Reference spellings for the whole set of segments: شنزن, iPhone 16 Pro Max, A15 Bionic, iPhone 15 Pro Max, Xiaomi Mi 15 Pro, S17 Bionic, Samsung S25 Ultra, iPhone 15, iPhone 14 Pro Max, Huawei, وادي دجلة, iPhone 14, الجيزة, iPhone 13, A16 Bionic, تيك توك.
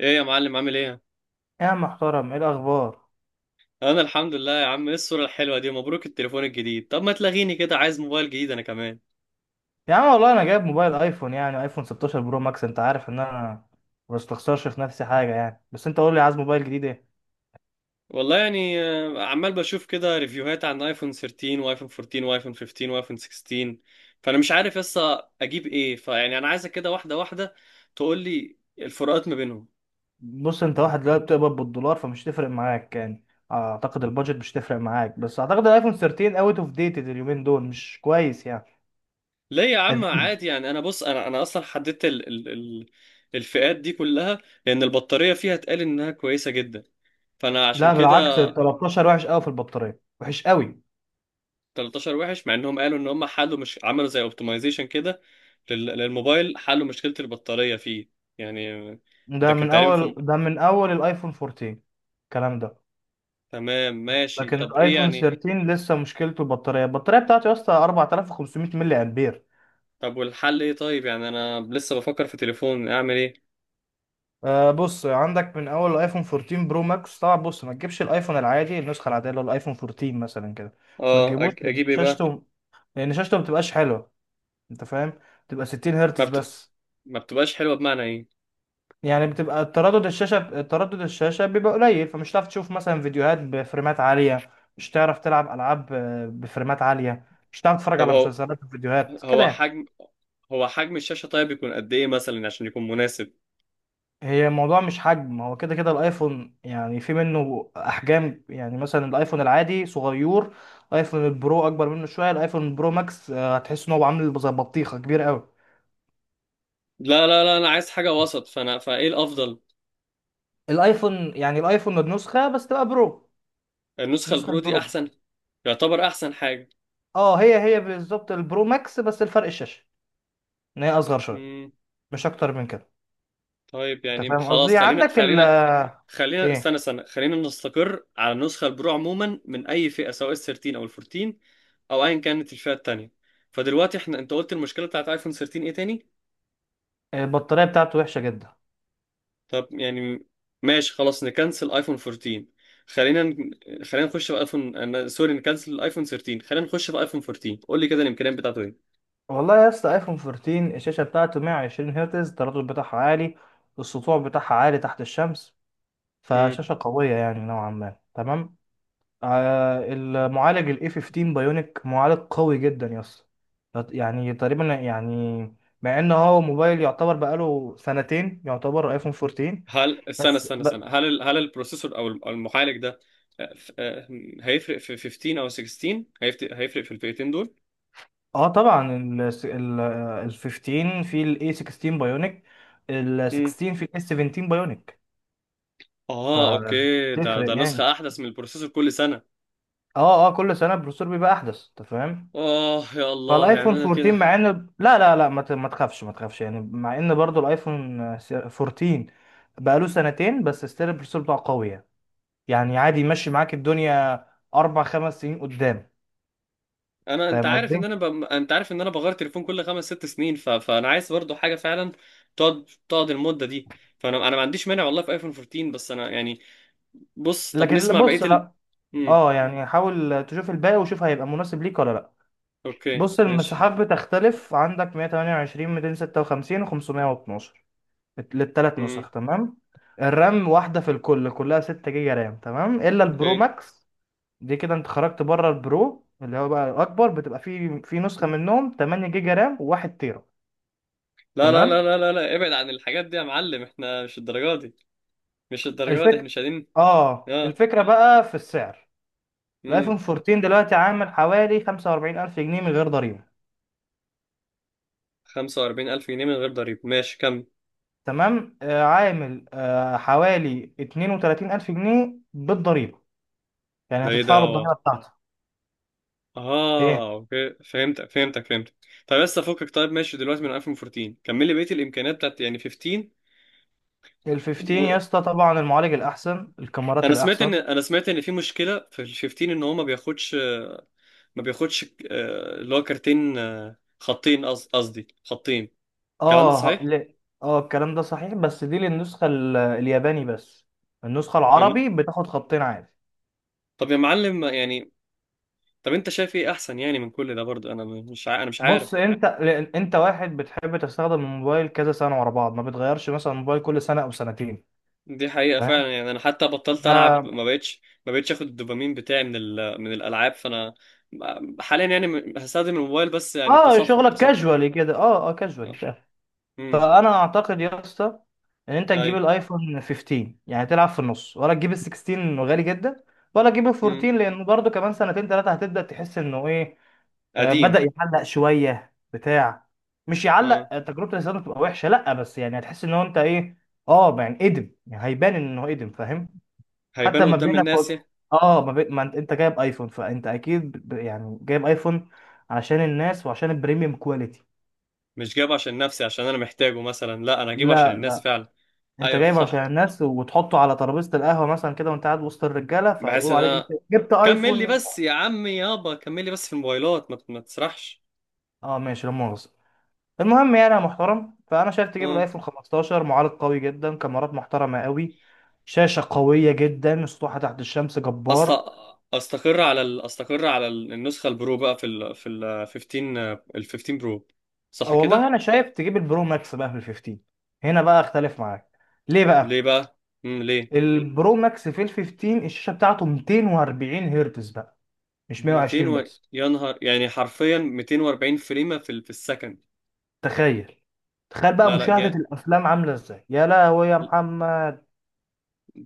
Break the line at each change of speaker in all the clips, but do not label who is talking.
ايه يا معلم، عامل ايه؟
يا عم محترم، ايه الاخبار؟
انا الحمد لله يا عم. ايه الصورة الحلوة دي؟ مبروك التليفون الجديد. طب ما تلاغيني كده، عايز موبايل جديد انا كمان.
يا عم والله انا جايب موبايل ايفون، يعني ايفون 16 برو ماكس. انت عارف ان انا ما بستخسرش في نفسي حاجه يعني، بس انت قول لي عايز موبايل جديد ايه؟
والله يعني عمال بشوف كده ريفيوهات عن ايفون 13 وايفون 14 وايفون 15 وايفون 16، فانا مش عارف لسه اجيب ايه. فيعني انا عايزك كده واحدة واحدة تقول لي الفروقات ما بينهم.
بص، انت واحد دلوقتي بتقبض بالدولار فمش تفرق معاك يعني، اعتقد البادجت مش تفرق معاك، بس اعتقد الايفون 13 اوت اوف ديتد، اليومين دول مش كويس يعني.
ليه يا عم؟
قديم.
عادي يعني. انا بص، انا اصلا حددت ال الفئات دي كلها، لان البطارية فيها اتقال انها كويسة جدا، فانا عشان
لا
كده.
بالعكس، ال 13 وحش قوي في البطاريه، وحش قوي.
13 وحش، مع انهم قالوا ان هم حلوا، مش عملوا زي اوبتمايزيشن كده للموبايل، حلوا مشكلة البطارية فيه يعني.
ده
ده كان
من
تقريبا
اول
في
ده من اول الايفون 14. الكلام ده.
تمام. ماشي
لكن
طب ايه
الايفون
يعني؟
13 لسه مشكلته البطاريه بتاعتي يا اسطى 4,500 ملي امبير.
طب والحل ايه طيب؟ يعني انا لسه بفكر في تليفون، اعمل ايه؟
بص، عندك من اول الايفون 14 برو ماكس طبعا. بص، ما تجيبش الايفون العادي، النسخه العاديه اللي هو الايفون 14 مثلا كده. ما
اه،
تجيبوش لأن
اجيب ايه بقى؟
شاشته لان شاشته ما بتبقاش حلوه. انت فاهم؟ بتبقى 60
ما,
هرتز
بت...
بس.
ما بتبقاش حلوة بمعنى ايه؟
يعني بتبقى تردد الشاشه بيبقى قليل، فمش هتعرف تشوف مثلا فيديوهات بفريمات عاليه. مش هتعرف تلعب العاب بفريمات عاليه. مش هتعرف تتفرج
طب
على
هو،
مسلسلات وفيديوهات كده
هو
يعني.
حجم هو حجم الشاشة طيب يكون قد ايه مثلا عشان يكون مناسب؟
هي الموضوع مش حجم، هو كده كده الايفون يعني في منه احجام. يعني مثلا الايفون العادي صغير، الايفون البرو اكبر منه شويه، الايفون البرو ماكس هتحس ان هو عامل زي بطيخه كبير قوي.
لا لا لا، انا عايز حاجة وسط، فانا فايه الافضل؟
الايفون يعني الايفون النسخه بس تبقى برو.
النسخة
النسخه
البرو دي
البرو.
احسن. يعتبر احسن حاجة.
اه هي بالظبط البرو ماكس، بس الفرق الشاشه، ان هي اصغر شويه، مش اكتر من كده.
طيب
انت
يعني
فاهم
خلاص،
قصدي؟
خلينا
عندك ال
خلينا
آه،
خلينا
ايه،
استنى استنى، خلينا نستقر على النسخة البرو عموما من أي فئة، سواء ال 13 أو ال 14 أو أيا كانت الفئة التانية. فدلوقتي احنا، أنت قلت المشكلة بتاعت أيفون 13 إيه تاني؟
البطاريه بتاعته وحشه جدا.
طب يعني، ماشي خلاص، نكنسل أيفون 14. خلينا ن... خلينا نخش في أيفون أنا... سوري، نكنسل أيفون 13، خلينا نخش في أيفون 14. قول لي كده الإمكانيات بتاعته.
والله يا اسطى ايفون 14 الشاشه بتاعته 120 هرتز، التردد بتاعها عالي، السطوع بتاعها عالي تحت الشمس،
إيه؟
فشاشه قويه يعني نوعا ما. تمام. المعالج الاي 15 بايونيك معالج قوي جدا يا اسطى. يعني تقريبا يعني، مع ان هو موبايل يعتبر بقاله سنتين، يعتبر ايفون 14.
استنى
بس
استنى
ب...
استنى، هل هل البروسيسور أو المعالج ده، آه، ف- آه، هيفرق في 15 او 16؟ هيفرق في الفئتين دول؟
اه طبعا ال 15 في الاي 16 بايونيك، ال
مم.
16 في الاس 17 بايونيك،
اه اوكي، ده
فتفرق
ده
يعني.
نسخة احدث من البروسيسور كل سنة.
اه كل سنه البروسيسور بيبقى احدث، انت فاهم؟
اه يا الله يعني
فالايفون
انا
14
كده.
مع ان، لا لا لا، ما تخافش يعني، مع ان برضو الايفون 14 بقاله سنتين، بس ستيل البروسيسور بتاعه قوي يعني. يعني عادي يمشي معاك الدنيا اربع خمس سنين قدام.
انا،
فاهم قصدي؟
انت عارف ان انا بغير تليفون كل 5 6 سنين. فانا عايز برضو حاجة فعلا تقعد المدة دي. فانا ما عنديش مانع والله في ايفون 14، بس انا يعني. بص، طب
لكن لا،
نسمع بقية
بص،
ال.
لا.
مم.
اه يعني حاول تشوف الباقي وشوف هيبقى مناسب ليك ولا لا.
اوكي
بص،
ماشي.
المساحات بتختلف، عندك 128، 256، و512 للثلاث
مم.
نسخ. تمام. الرام واحدة في الكل، كلها 6 جيجا رام تمام، إلا البرو
اوكي.
ماكس، دي كده أنت خرجت بره. البرو اللي هو بقى الأكبر بتبقى في نسخة منهم 8 جيجا رام و1 تيرا.
لا لا لا
تمام.
لا لا لا، ابعد عن الحاجات دي يا معلم، احنا مش الدرجة دي. مش الدرجة دي،
الفكرة،
احنا شادين. اه.
الفكرة بقى في السعر.
امم
الآيفون 14 دلوقتي عامل حوالي 45 ألف جنيه من غير ضريبة.
45 ألف جنيه من غير ضريبة، ماشي. كم
تمام، عامل حوالي 32 ألف جنيه بالضريبة، يعني
ده؟ ايه ده
هتدفع له
هو؟
الضريبة بتاعته. إيه؟
اه اوكي، فهمتك فهمتك فهمتك. طب بس افكك. طيب، ماشي دلوقتي، من 2014 كمل لي بقية الامكانيات بتاعت يعني 15.
ال 15
و...
يا اسطى طبعا المعالج الاحسن، الكاميرات
انا سمعت،
الاحسن.
ان في مشكلة في ال 15، ان هو ما بياخدش، اللي هو كارتين، خطين، قصدي خطين. الكلام ده صحيح؟
لا، اه الكلام ده صحيح، بس دي للنسخه الياباني بس، النسخه
يعني-
العربي بتاخد خطين عادي.
طب يا معلم يعني، طب انت شايف ايه احسن يعني من كل ده؟ برضه انا مش
بص
عارف.
انت، لأن انت واحد بتحب تستخدم الموبايل كذا سنه ورا بعض، ما بتغيرش مثلا الموبايل كل سنه او سنتين.
دي حقيقة
فاهم.
فعلا يعني، انا حتى بطلت العب،
ف-
ما بقتش اخد الدوبامين بتاعي من الالعاب، فانا حاليا يعني، هستخدم الموبايل بس يعني
اه
تصفح
شغلك
تصفح
كاجوالي كده، اه كاجوالي.
امم.
فانا اعتقد يا اسطى ان انت تجيب
اي.
الايفون 15، يعني تلعب في النص، ولا تجيب ال 16 انه غالي جدا، ولا تجيب ال
امم
14 لانه برضه كمان سنتين ثلاثه هتبدا تحس انه ايه،
قديم.
بدا يعلق شويه بتاع. مش يعلق،
اه
تجربه الاستخدام تبقى وحشه، لا، بس يعني هتحس ان هو انت ايه. اه يعني قدم، يعني هيبان انه قدم، فاهم؟
هيبان
حتى ما
قدام
بينك
الناس،
وب...
يا.
اه ما, بي... ما انت جايب ايفون، فانت اكيد يعني جايب ايفون عشان الناس وعشان البريميوم كواليتي.
مش جايبه عشان نفسي عشان انا محتاجه مثلا، لا، انا هجيبه عشان الناس
لا،
فعلا.
انت
ايوه
جايبه عشان
صح،
الناس، وتحطه على ترابيزه القهوه مثلا كده، وانت قاعد وسط الرجاله،
بحيث ان
فيقولوا عليك انت
انا،
جبت
كمل لي
ايفون.
بس يا عمي يابا، كمل لي بس في الموبايلات، ما, ما تسرحش.
اه ماشي لا مؤاخذه. المهم يعني يا محترم، فانا شايف تجيب
آه.
الايفون 15، معالج قوي جدا، كاميرات محترمه قوي، شاشه قويه جدا، سطوحه تحت الشمس
أست...
جبار.
استقر على النسخه البرو بقى في ال 15، ال 15 برو.
اه
صح
والله
كده؟
انا شايف تجيب البرو ماكس بقى في ال 15. هنا بقى اختلف معاك. ليه
ليه
بقى؟
بقى؟ ليه؟
البرو ماكس في ال 15 الشاشه بتاعته 240 هرتز بقى، مش
200
120 بس.
يا نهار، يعني حرفيا 240 فريمه في السكند.
تخيل، تخيل بقى
لا لا
مشاهدة
جا...
الأفلام عاملة إزاي يا لهوي يا محمد.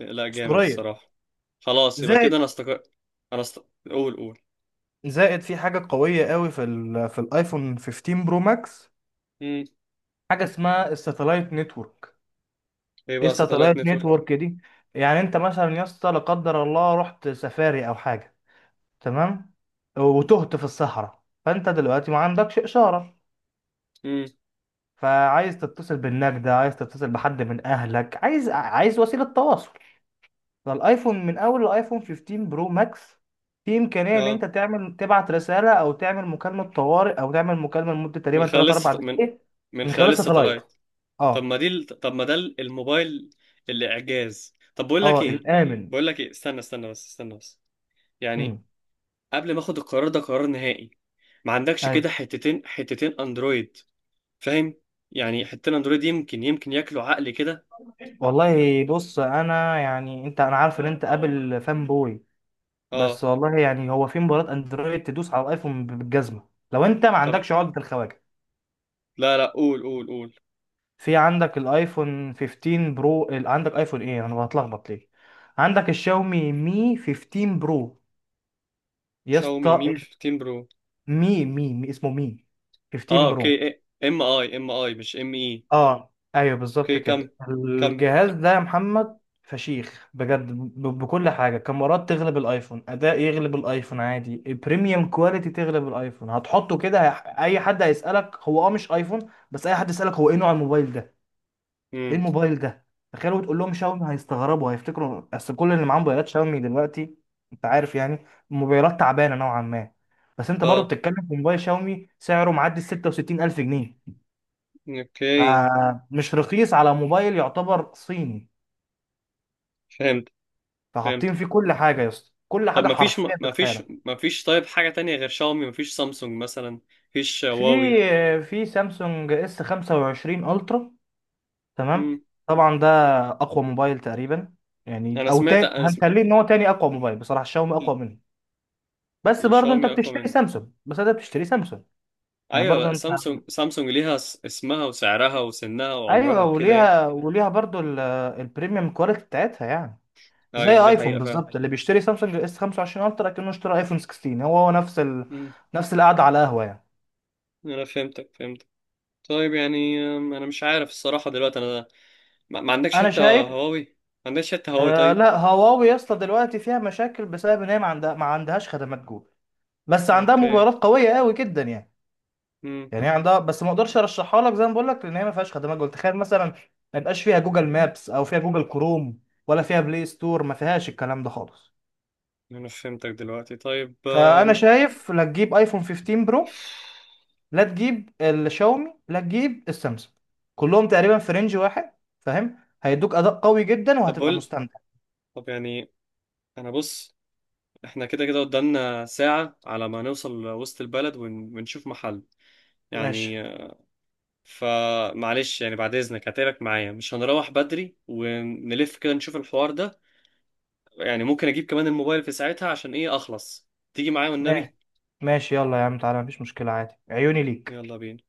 لا، جامد
أسطورية.
الصراحه. خلاص يبقى
زائد،
كده انا استقر. انا است... قول قول.
زائد في حاجة قوية قوي في ال في الآيفون 15 برو ماكس،
امم.
حاجة اسمها الساتلايت نتورك.
ايه
إيه
بقى ساتلايت
الساتلايت
نتورك؟
نتورك دي؟ يعني أنت مثلا يا اسطى، لا قدر الله، رحت سفاري أو حاجة، تمام، وتهت في الصحراء، فأنت دلوقتي ما عندكش إشارة،
امم.
فعايز تتصل بالنجدة، عايز تتصل بحد من أهلك، عايز وسيلة تواصل. فالايفون من اول الايفون 15 برو ماكس، في امكانيه ان
اه
انت تعمل تبعت رساله، او تعمل مكالمه طوارئ، او تعمل مكالمه لمده تقريبا 3 4
من،
دقائق
من
من
خلال
خلال ساتلايت.
الساتلايت. طب
اه.
ما دي طب ما ده الموبايل اللي اعجاز. طب بقول لك
اه
ايه.
الامن.
بقول لك ايه، استنى استنى بس، استنى بس يعني،
امم.
قبل ما اخد القرار ده قرار نهائي. ما عندكش
اي.
كده حتتين حتتين اندرويد؟ فاهم؟ يعني حتتين اندرويد يمكن يمكن ياكلوا عقلي كده.
والله بص، انا يعني انت، انا عارف ان انت ابل فان بوي،
اه.
بس والله يعني هو في مباراه اندرويد تدوس على الايفون بالجزمه، لو انت ما
طب
عندكش عقده الخواجه.
لا لا، قول قول قول.
في عندك الايفون 15 برو، عندك ايفون ايه، انا بتلخبط ليه. عندك الشاومي مي 15 برو يا
شاومي
اسطى.
ميم 15 برو؟
مي مي مي، اسمه مي
اه
15 برو.
اوكي. إيه. ام اي، ام اي مش ام اي.
اه ايوه بالظبط
اوكي كم؟
كده.
كمل.
الجهاز ده يا محمد فشيخ بجد، بكل حاجه، كاميرات تغلب الايفون، اداء يغلب الايفون عادي، البريميوم كواليتي تغلب الايفون. هتحطه كده اي حد هيسالك هو مش ايفون. بس اي حد يسالك هو ايه نوع الموبايل ده، ايه
امم.
الموبايل ده، تخيلوا تقول لهم شاومي، هيستغربوا، هيفتكروا، اصل كل اللي معاه موبايلات شاومي دلوقتي، انت عارف، يعني موبايلات تعبانه نوعا ما، بس انت برضه
اه
بتتكلم في موبايل شاومي سعره معدي ال 66 الف جنيه،
اوكي،
فمش رخيص على موبايل يعتبر صيني.
فهمت فهمت.
فحاطين فيه كل حاجه يا اسطى، كل
طب
حاجه
ما فيش،
حرفيا
ما فيش،
تتخيلها.
ما فيش طيب حاجة تانية غير شاومي؟ ما فيش سامسونج مثلا؟ ما فيش
في
هواوي؟
في سامسونج اس 25 الترا.
مم.
تمام. طبعا ده اقوى موبايل تقريبا، يعني
انا
او
سمعت،
تاني، هنخليه ان هو تاني اقوى موبايل، بصراحه الشاومي
ال-
اقوى منه. بس برضو انت
الشاومي اقوى
بتشتري
من.
سامسونج، بس انت بتشتري سامسونج، يعني برضو
ايوه،
انت،
سامسونج سامسونج ليها اسمها وسعرها وسنها وعمرها
ايوه،
وكده يعني.
وليها برضو ال- البريميوم كواليتي بتاعتها يعني، زي
ايوه، دي
ايفون
حقيقة فعلا.
بالظبط. اللي بيشتري سامسونج اس 25 الترا كأنه اشترى ايفون 16، هو نفس ال...
مم.
نفس القعده على قهوه يعني.
انا فهمتك. طيب يعني انا مش عارف الصراحة دلوقتي انا، ما, ما عندكش
انا
حتة
شايف.
هواوي؟ ما عندكش حتة هواوي؟ طيب
لا، هواوي يا اسطى دلوقتي فيها مشاكل بسبب ان هي ما عندهاش خدمات جوجل، بس عندها
اوكي.
موبايلات قويه قوي جدا يعني.
مم.
يعني هي عندها، بس ما اقدرش ارشحها لك، زي ما بقول لك، لان هي ما فيهاش خدمات جوجل. تخيل مثلا ما يبقاش فيها جوجل مابس، او فيها جوجل كروم، ولا فيها بلاي ستور، ما فيهاش الكلام ده خالص.
انا فهمتك دلوقتي. طيب
فانا شايف لا تجيب ايفون 15 برو، لا تجيب الشاومي، لا تجيب السامسونج، كلهم تقريبا في رينج واحد، فاهم؟ هيدوك اداء قوي جدا
طب
وهتبقى
بقول،
مستمتع.
طب يعني انا بص، احنا كده كده قدامنا ساعة على ما نوصل وسط البلد، ونشوف محل
ماشي.
يعني. فمعلش يعني، بعد اذنك، هتقلك معايا، مش هنروح بدري، ونلف كده نشوف الحوار ده يعني. ممكن اجيب كمان الموبايل في ساعتها، عشان ايه اخلص تيجي معايا والنبي.
ماشي ماشي، يلا يا عم تعالى، مفيش مشكلة عادي، عيوني ليك.
يلا بينا.